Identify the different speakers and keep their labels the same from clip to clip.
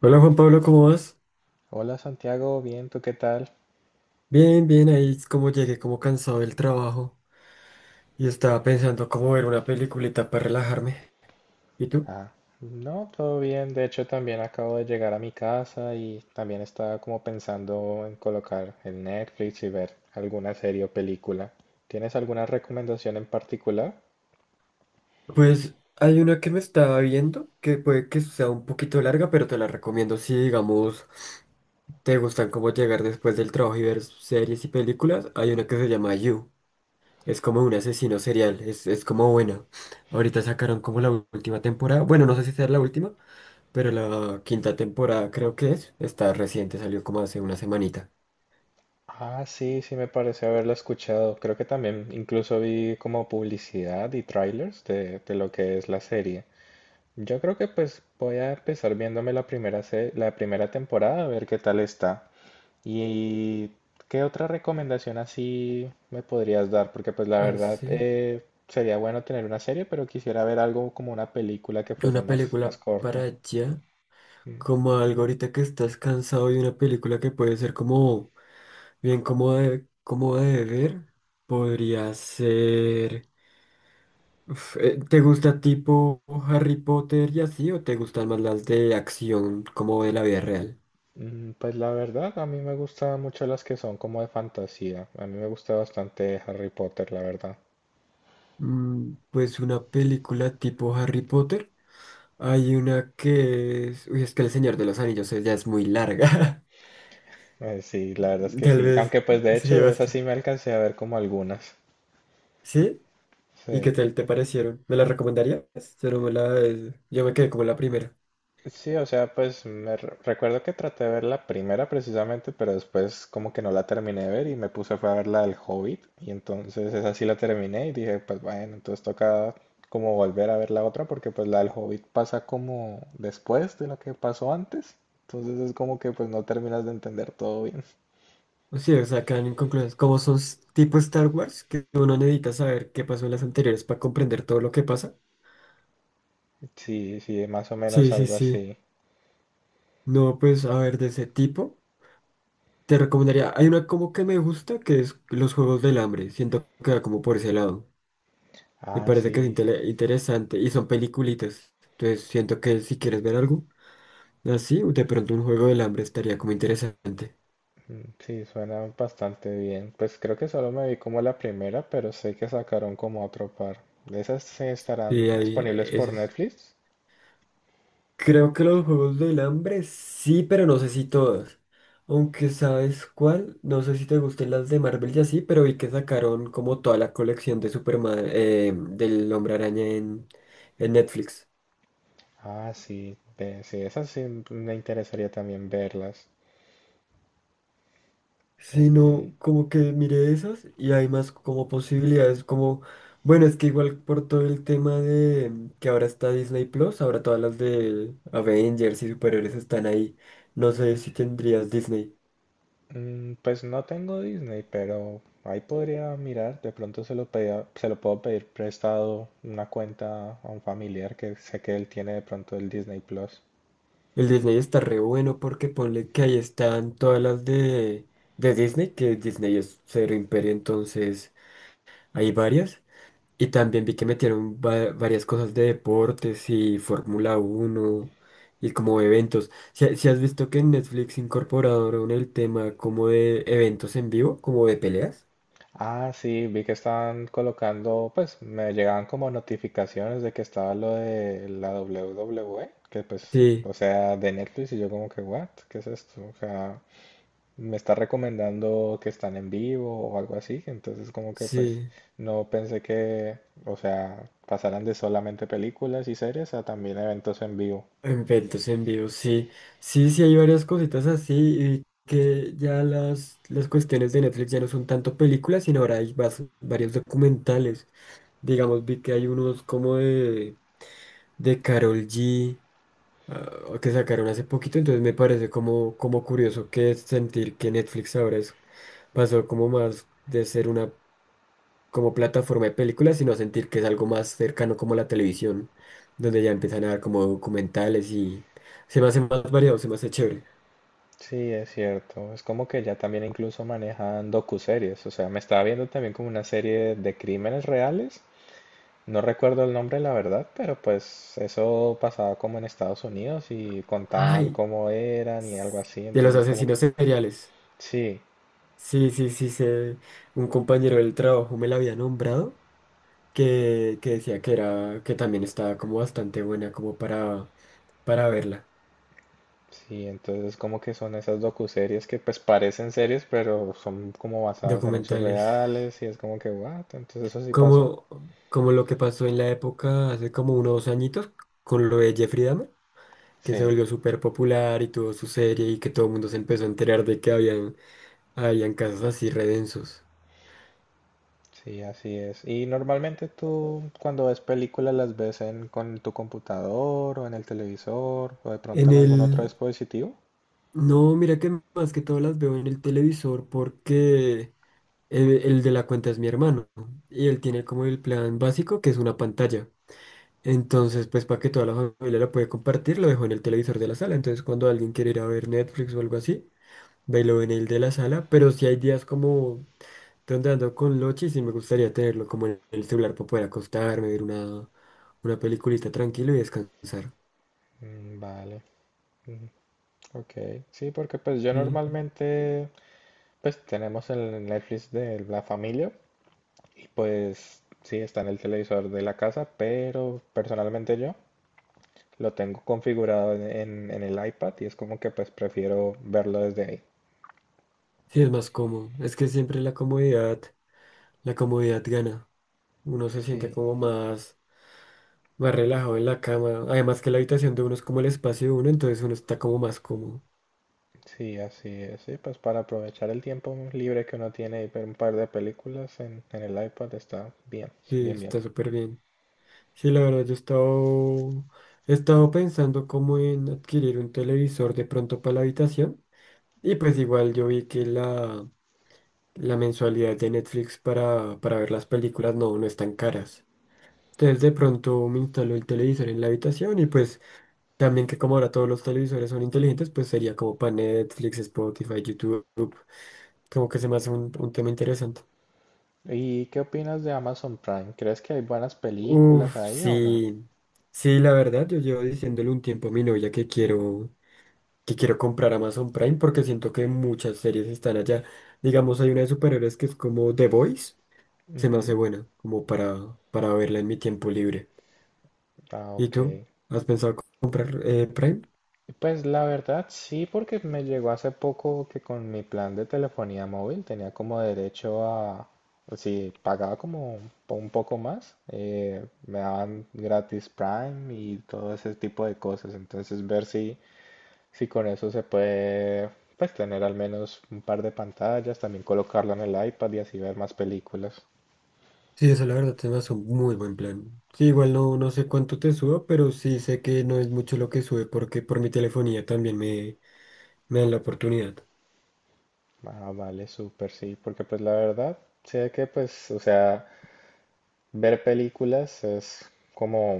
Speaker 1: Hola Juan Pablo, ¿cómo vas?
Speaker 2: Hola Santiago, bien, ¿tú qué tal?
Speaker 1: Bien, bien, ahí es como llegué como cansado del trabajo y estaba pensando cómo ver una peliculita para relajarme. ¿Y tú?
Speaker 2: Ah, no, todo bien. De hecho, también acabo de llegar a mi casa y también estaba como pensando en colocar el Netflix y ver alguna serie o película. ¿Tienes alguna recomendación en particular?
Speaker 1: Pues hay una que me estaba viendo que puede que sea un poquito larga, pero te la recomiendo si, digamos, te gustan como llegar después del trabajo y ver series y películas. Hay una que se llama You. Es como un asesino serial, es como buena. Ahorita sacaron como la última temporada. Bueno, no sé si sea la última, pero la quinta temporada creo que es, está reciente, salió como hace una semanita.
Speaker 2: Ah, sí, sí, me parece haberla escuchado. Creo que también incluso vi como publicidad y trailers de lo que es la serie. Yo creo que pues voy a empezar viéndome la primera, la primera temporada a ver qué tal está. ¿Y qué otra recomendación así me podrías dar? Porque pues la verdad
Speaker 1: Así.
Speaker 2: sería bueno tener una serie, pero quisiera ver algo como una película que fuese
Speaker 1: Una
Speaker 2: más, más
Speaker 1: película para
Speaker 2: corto.
Speaker 1: allá,
Speaker 2: Mm,
Speaker 1: como algo ahorita que estás cansado y una película que puede ser como bien cómoda de ver, podría ser... ¿Te gusta tipo Harry Potter y así o te gustan más las de acción como de la vida real?
Speaker 2: Pues la verdad, a mí me gustan mucho las que son como de fantasía. A mí me gusta bastante Harry Potter, la verdad.
Speaker 1: Mm, pues una película tipo Harry Potter. Hay una que es... Uy, es que El Señor de los Anillos ya es muy larga.
Speaker 2: Sí, la verdad es que
Speaker 1: Tal
Speaker 2: sí. Aunque
Speaker 1: vez.
Speaker 2: pues de
Speaker 1: Sí,
Speaker 2: hecho de esas
Speaker 1: basta.
Speaker 2: sí me alcancé a ver como algunas.
Speaker 1: ¿Sí? ¿Y qué
Speaker 2: Sí.
Speaker 1: tal te parecieron? ¿Me la recomendarías? Yo no me la... Yo me quedé como la primera.
Speaker 2: Sí, o sea, pues recuerdo que traté de ver la primera precisamente, pero después como que no la terminé de ver y me puse fue a ver la del Hobbit y entonces esa sí la terminé y dije, pues bueno, entonces toca como volver a ver la otra porque pues la del Hobbit pasa como después de lo que pasó antes, entonces es como que pues no terminas de entender todo bien.
Speaker 1: O sea, quedan inconclusas. Como son tipo Star Wars, que uno necesita saber qué pasó en las anteriores para comprender todo lo que pasa.
Speaker 2: Sí, sí, más o menos
Speaker 1: Sí, sí,
Speaker 2: algo
Speaker 1: sí.
Speaker 2: así.
Speaker 1: No, pues, a ver, de ese tipo, te recomendaría... Hay una como que me gusta, que es Los Juegos del Hambre. Siento que va como por ese lado. Me
Speaker 2: Ah,
Speaker 1: parece que es
Speaker 2: sí.
Speaker 1: interesante y son peliculitas. Entonces siento que si quieres ver algo así, de pronto un juego del hambre estaría como interesante.
Speaker 2: Mm, sí, suena bastante bien. Pues creo que solo me vi como la primera, pero sé que sacaron como otro par. ¿Esas se estarán
Speaker 1: Sí, ahí
Speaker 2: disponibles
Speaker 1: ese
Speaker 2: por
Speaker 1: es.
Speaker 2: Netflix?
Speaker 1: Creo que los juegos del hambre sí, pero no sé si todos. Aunque sabes cuál, no sé si te gusten las de Marvel y así, pero vi que sacaron como toda la colección de Superman, del Hombre Araña en Netflix.
Speaker 2: Ah, sí, sí, esas sí me interesaría también verlas. Ok.
Speaker 1: Sino como que miré esas y hay más como posibilidades, como, bueno, es que igual por todo el tema de que ahora está Disney Plus, ahora todas las de Avengers y superiores están ahí, no sé si tendrías Disney.
Speaker 2: Mm, pues no tengo Disney, pero ahí podría mirar. De pronto se lo puedo pedir prestado una cuenta a un familiar que sé que él tiene de pronto el Disney Plus.
Speaker 1: El Disney está re bueno porque ponle que ahí están todas las de Disney, que Disney es cero imperio, entonces hay varias. Y también vi que metieron varias cosas de deportes y Fórmula uno y como eventos. Si, si has visto que en Netflix incorporaron el tema como de eventos en vivo, como de peleas.
Speaker 2: Ah, sí, vi que están colocando, pues me llegaban como notificaciones de que estaba lo de la WWE, que pues,
Speaker 1: Sí,
Speaker 2: o sea, de Netflix y yo como que, what, ¿qué es esto? O sea, me está recomendando que están en vivo o algo así, entonces como que pues
Speaker 1: sí,
Speaker 2: no pensé que, o sea, pasaran de solamente películas y series a también eventos en vivo.
Speaker 1: eventos en vivo, sí. Sí, sí, hay varias cositas así y que ya las cuestiones de Netflix ya no son tanto películas, sino ahora hay varios documentales. Digamos, vi que hay unos como de Karol G, ah, que sacaron hace poquito, entonces me parece como, como curioso que sentir que Netflix ahora es, pasó como más de ser una como plataforma de películas, sino a sentir que es algo más cercano como la televisión, donde ya empiezan a dar como documentales y se me hace más variado, se me hace chévere.
Speaker 2: Sí, es cierto. Es como que ya también incluso manejan docuseries. O sea, me estaba viendo también como una serie de crímenes reales. No recuerdo el nombre, la verdad, pero pues eso pasaba como en Estados Unidos y contaban
Speaker 1: Ay,
Speaker 2: cómo eran y algo así,
Speaker 1: de los
Speaker 2: entonces como
Speaker 1: asesinos
Speaker 2: que
Speaker 1: seriales.
Speaker 2: sí,
Speaker 1: Sí, sí, sí, sé. Un compañero del trabajo me la había nombrado, que decía que era, que también estaba como bastante buena como para verla.
Speaker 2: sí, entonces como que son esas docuseries que pues parecen series, pero son como basadas en hechos
Speaker 1: Documentales.
Speaker 2: reales y es como que what, entonces eso sí pasó.
Speaker 1: Como, como lo que pasó en la época hace como unos añitos con lo de Jeffrey Dahmer, que se
Speaker 2: Sí,
Speaker 1: volvió súper popular y tuvo su serie y que todo el mundo se empezó a enterar de que habían, habían casos así redensos.
Speaker 2: sí, así es. Y normalmente tú cuando ves películas las ves en con tu computador o en el televisor o de pronto
Speaker 1: En
Speaker 2: en algún otro
Speaker 1: el...
Speaker 2: dispositivo.
Speaker 1: No, mira que más que todo las veo en el televisor porque el de la cuenta es mi hermano y él tiene como el plan básico que es una pantalla. Entonces, pues para que toda la familia la puede compartir, lo dejo en el televisor de la sala. Entonces, cuando alguien quiere ir a ver Netflix o algo así, bailo en el de la sala, pero si hay días como donde ando con Lochi, sí me gustaría tenerlo como en el celular para poder acostarme, ver una peliculita tranquilo y descansar.
Speaker 2: Mm, vale. Ok, sí, porque pues yo
Speaker 1: Sí,
Speaker 2: normalmente pues tenemos el Netflix de la familia y pues sí está en el televisor de la casa, pero personalmente yo lo tengo configurado en, en el iPad y es como que pues prefiero verlo desde ahí.
Speaker 1: sí es más cómodo. Es que siempre la comodidad gana. Uno se siente
Speaker 2: Sí,
Speaker 1: como más, más relajado en la cama. Además que la habitación de uno es como el espacio de uno, entonces uno está como más cómodo.
Speaker 2: sí, así es, sí, pues para aprovechar el tiempo libre que uno tiene y ver un par de películas en el iPad está bien,
Speaker 1: Sí,
Speaker 2: bien, bien.
Speaker 1: está súper bien. Sí, la verdad, yo he estado pensando como en adquirir un televisor de pronto para la habitación. Y pues igual yo vi que la mensualidad de Netflix para ver las películas no, no es tan caras. Entonces de pronto me instaló el televisor en la habitación y pues también que como ahora todos los televisores son inteligentes, pues sería como para Netflix, Spotify, YouTube, como que se me hace un tema interesante.
Speaker 2: ¿Y qué opinas de Amazon Prime? ¿Crees que hay buenas películas
Speaker 1: Uf,
Speaker 2: ahí o no?
Speaker 1: sí, sí, la verdad, yo llevo diciéndole un tiempo a mi novia que quiero comprar Amazon Prime porque siento que muchas series están allá. Digamos, hay una de superhéroes que es como The Voice. Se me hace
Speaker 2: Ujú.
Speaker 1: buena, como para verla en mi tiempo libre.
Speaker 2: Ah,
Speaker 1: ¿Y
Speaker 2: ok.
Speaker 1: tú? ¿Has pensado comprar Prime?
Speaker 2: Pues la verdad sí, porque me llegó hace poco que con mi plan de telefonía móvil tenía como derecho a, si pagaba como un poco más, me daban gratis Prime y todo ese tipo de cosas. Entonces ver si, si con eso se puede, pues tener al menos un par de pantallas, también colocarlo en el iPad y así ver más películas.
Speaker 1: Sí, eso la verdad se me hace un muy buen plan. Sí, igual no, no sé cuánto te suba, pero sí sé que no es mucho lo que sube porque por mi telefonía también me dan la oportunidad.
Speaker 2: Ah, vale, súper, sí, porque pues la verdad sé que pues, o sea... Ver películas es como,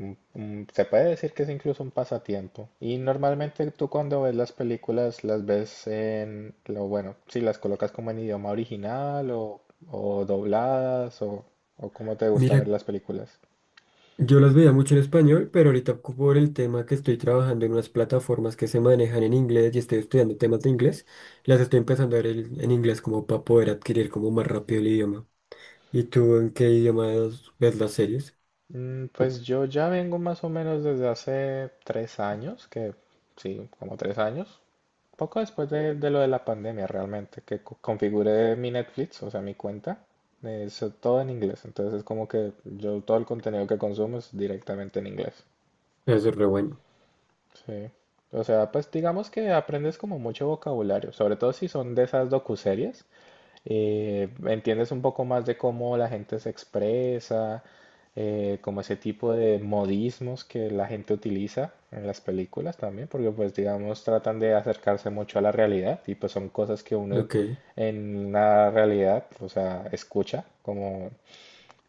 Speaker 2: se puede decir que es incluso un pasatiempo. Y normalmente tú cuando ves las películas las ves en, lo bueno, si las colocas como en idioma original o dobladas o cómo te gusta ver
Speaker 1: Mira,
Speaker 2: las películas.
Speaker 1: yo las veía mucho en español, pero ahorita por el tema que estoy trabajando en unas plataformas que se manejan en inglés y estoy estudiando temas de inglés, las estoy empezando a ver en inglés como para poder adquirir como más rápido el idioma. ¿Y tú en qué idiomas ves las series?
Speaker 2: Mm, pues yo ya vengo más o menos desde hace 3 años, que sí, como 3 años, poco después de lo de la pandemia realmente, que configuré mi Netflix, o sea, mi cuenta, es todo en inglés. Entonces es como que yo todo el contenido que consumo es directamente en inglés.
Speaker 1: Eso es re bueno.
Speaker 2: Sí. O sea, pues digamos que aprendes como mucho vocabulario, sobre todo si son de esas docuseries. Entiendes un poco más de cómo la gente se expresa, como ese tipo de modismos que la gente utiliza en las películas también, porque pues digamos tratan de acercarse mucho a la realidad y pues son cosas que uno
Speaker 1: Ok,
Speaker 2: en la realidad, o sea, escucha, como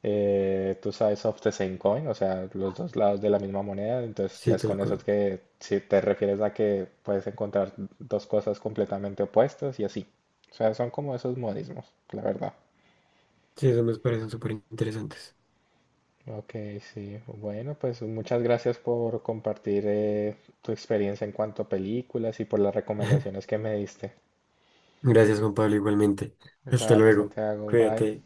Speaker 2: tú sabes of the same coin, o sea, los dos lados de la misma moneda, entonces ya
Speaker 1: sí,
Speaker 2: es
Speaker 1: tal
Speaker 2: con eso
Speaker 1: cual.
Speaker 2: que si te refieres a que puedes encontrar dos cosas completamente opuestas y así. O sea, son como esos modismos, la verdad.
Speaker 1: Sí, eso me parecen súper interesantes.
Speaker 2: Ok, sí. Bueno, pues muchas gracias por compartir tu experiencia en cuanto a películas y por las recomendaciones que me diste.
Speaker 1: Gracias, Juan Pablo, igualmente. Hasta
Speaker 2: Vale,
Speaker 1: luego.
Speaker 2: Santiago, bye.
Speaker 1: Cuídate.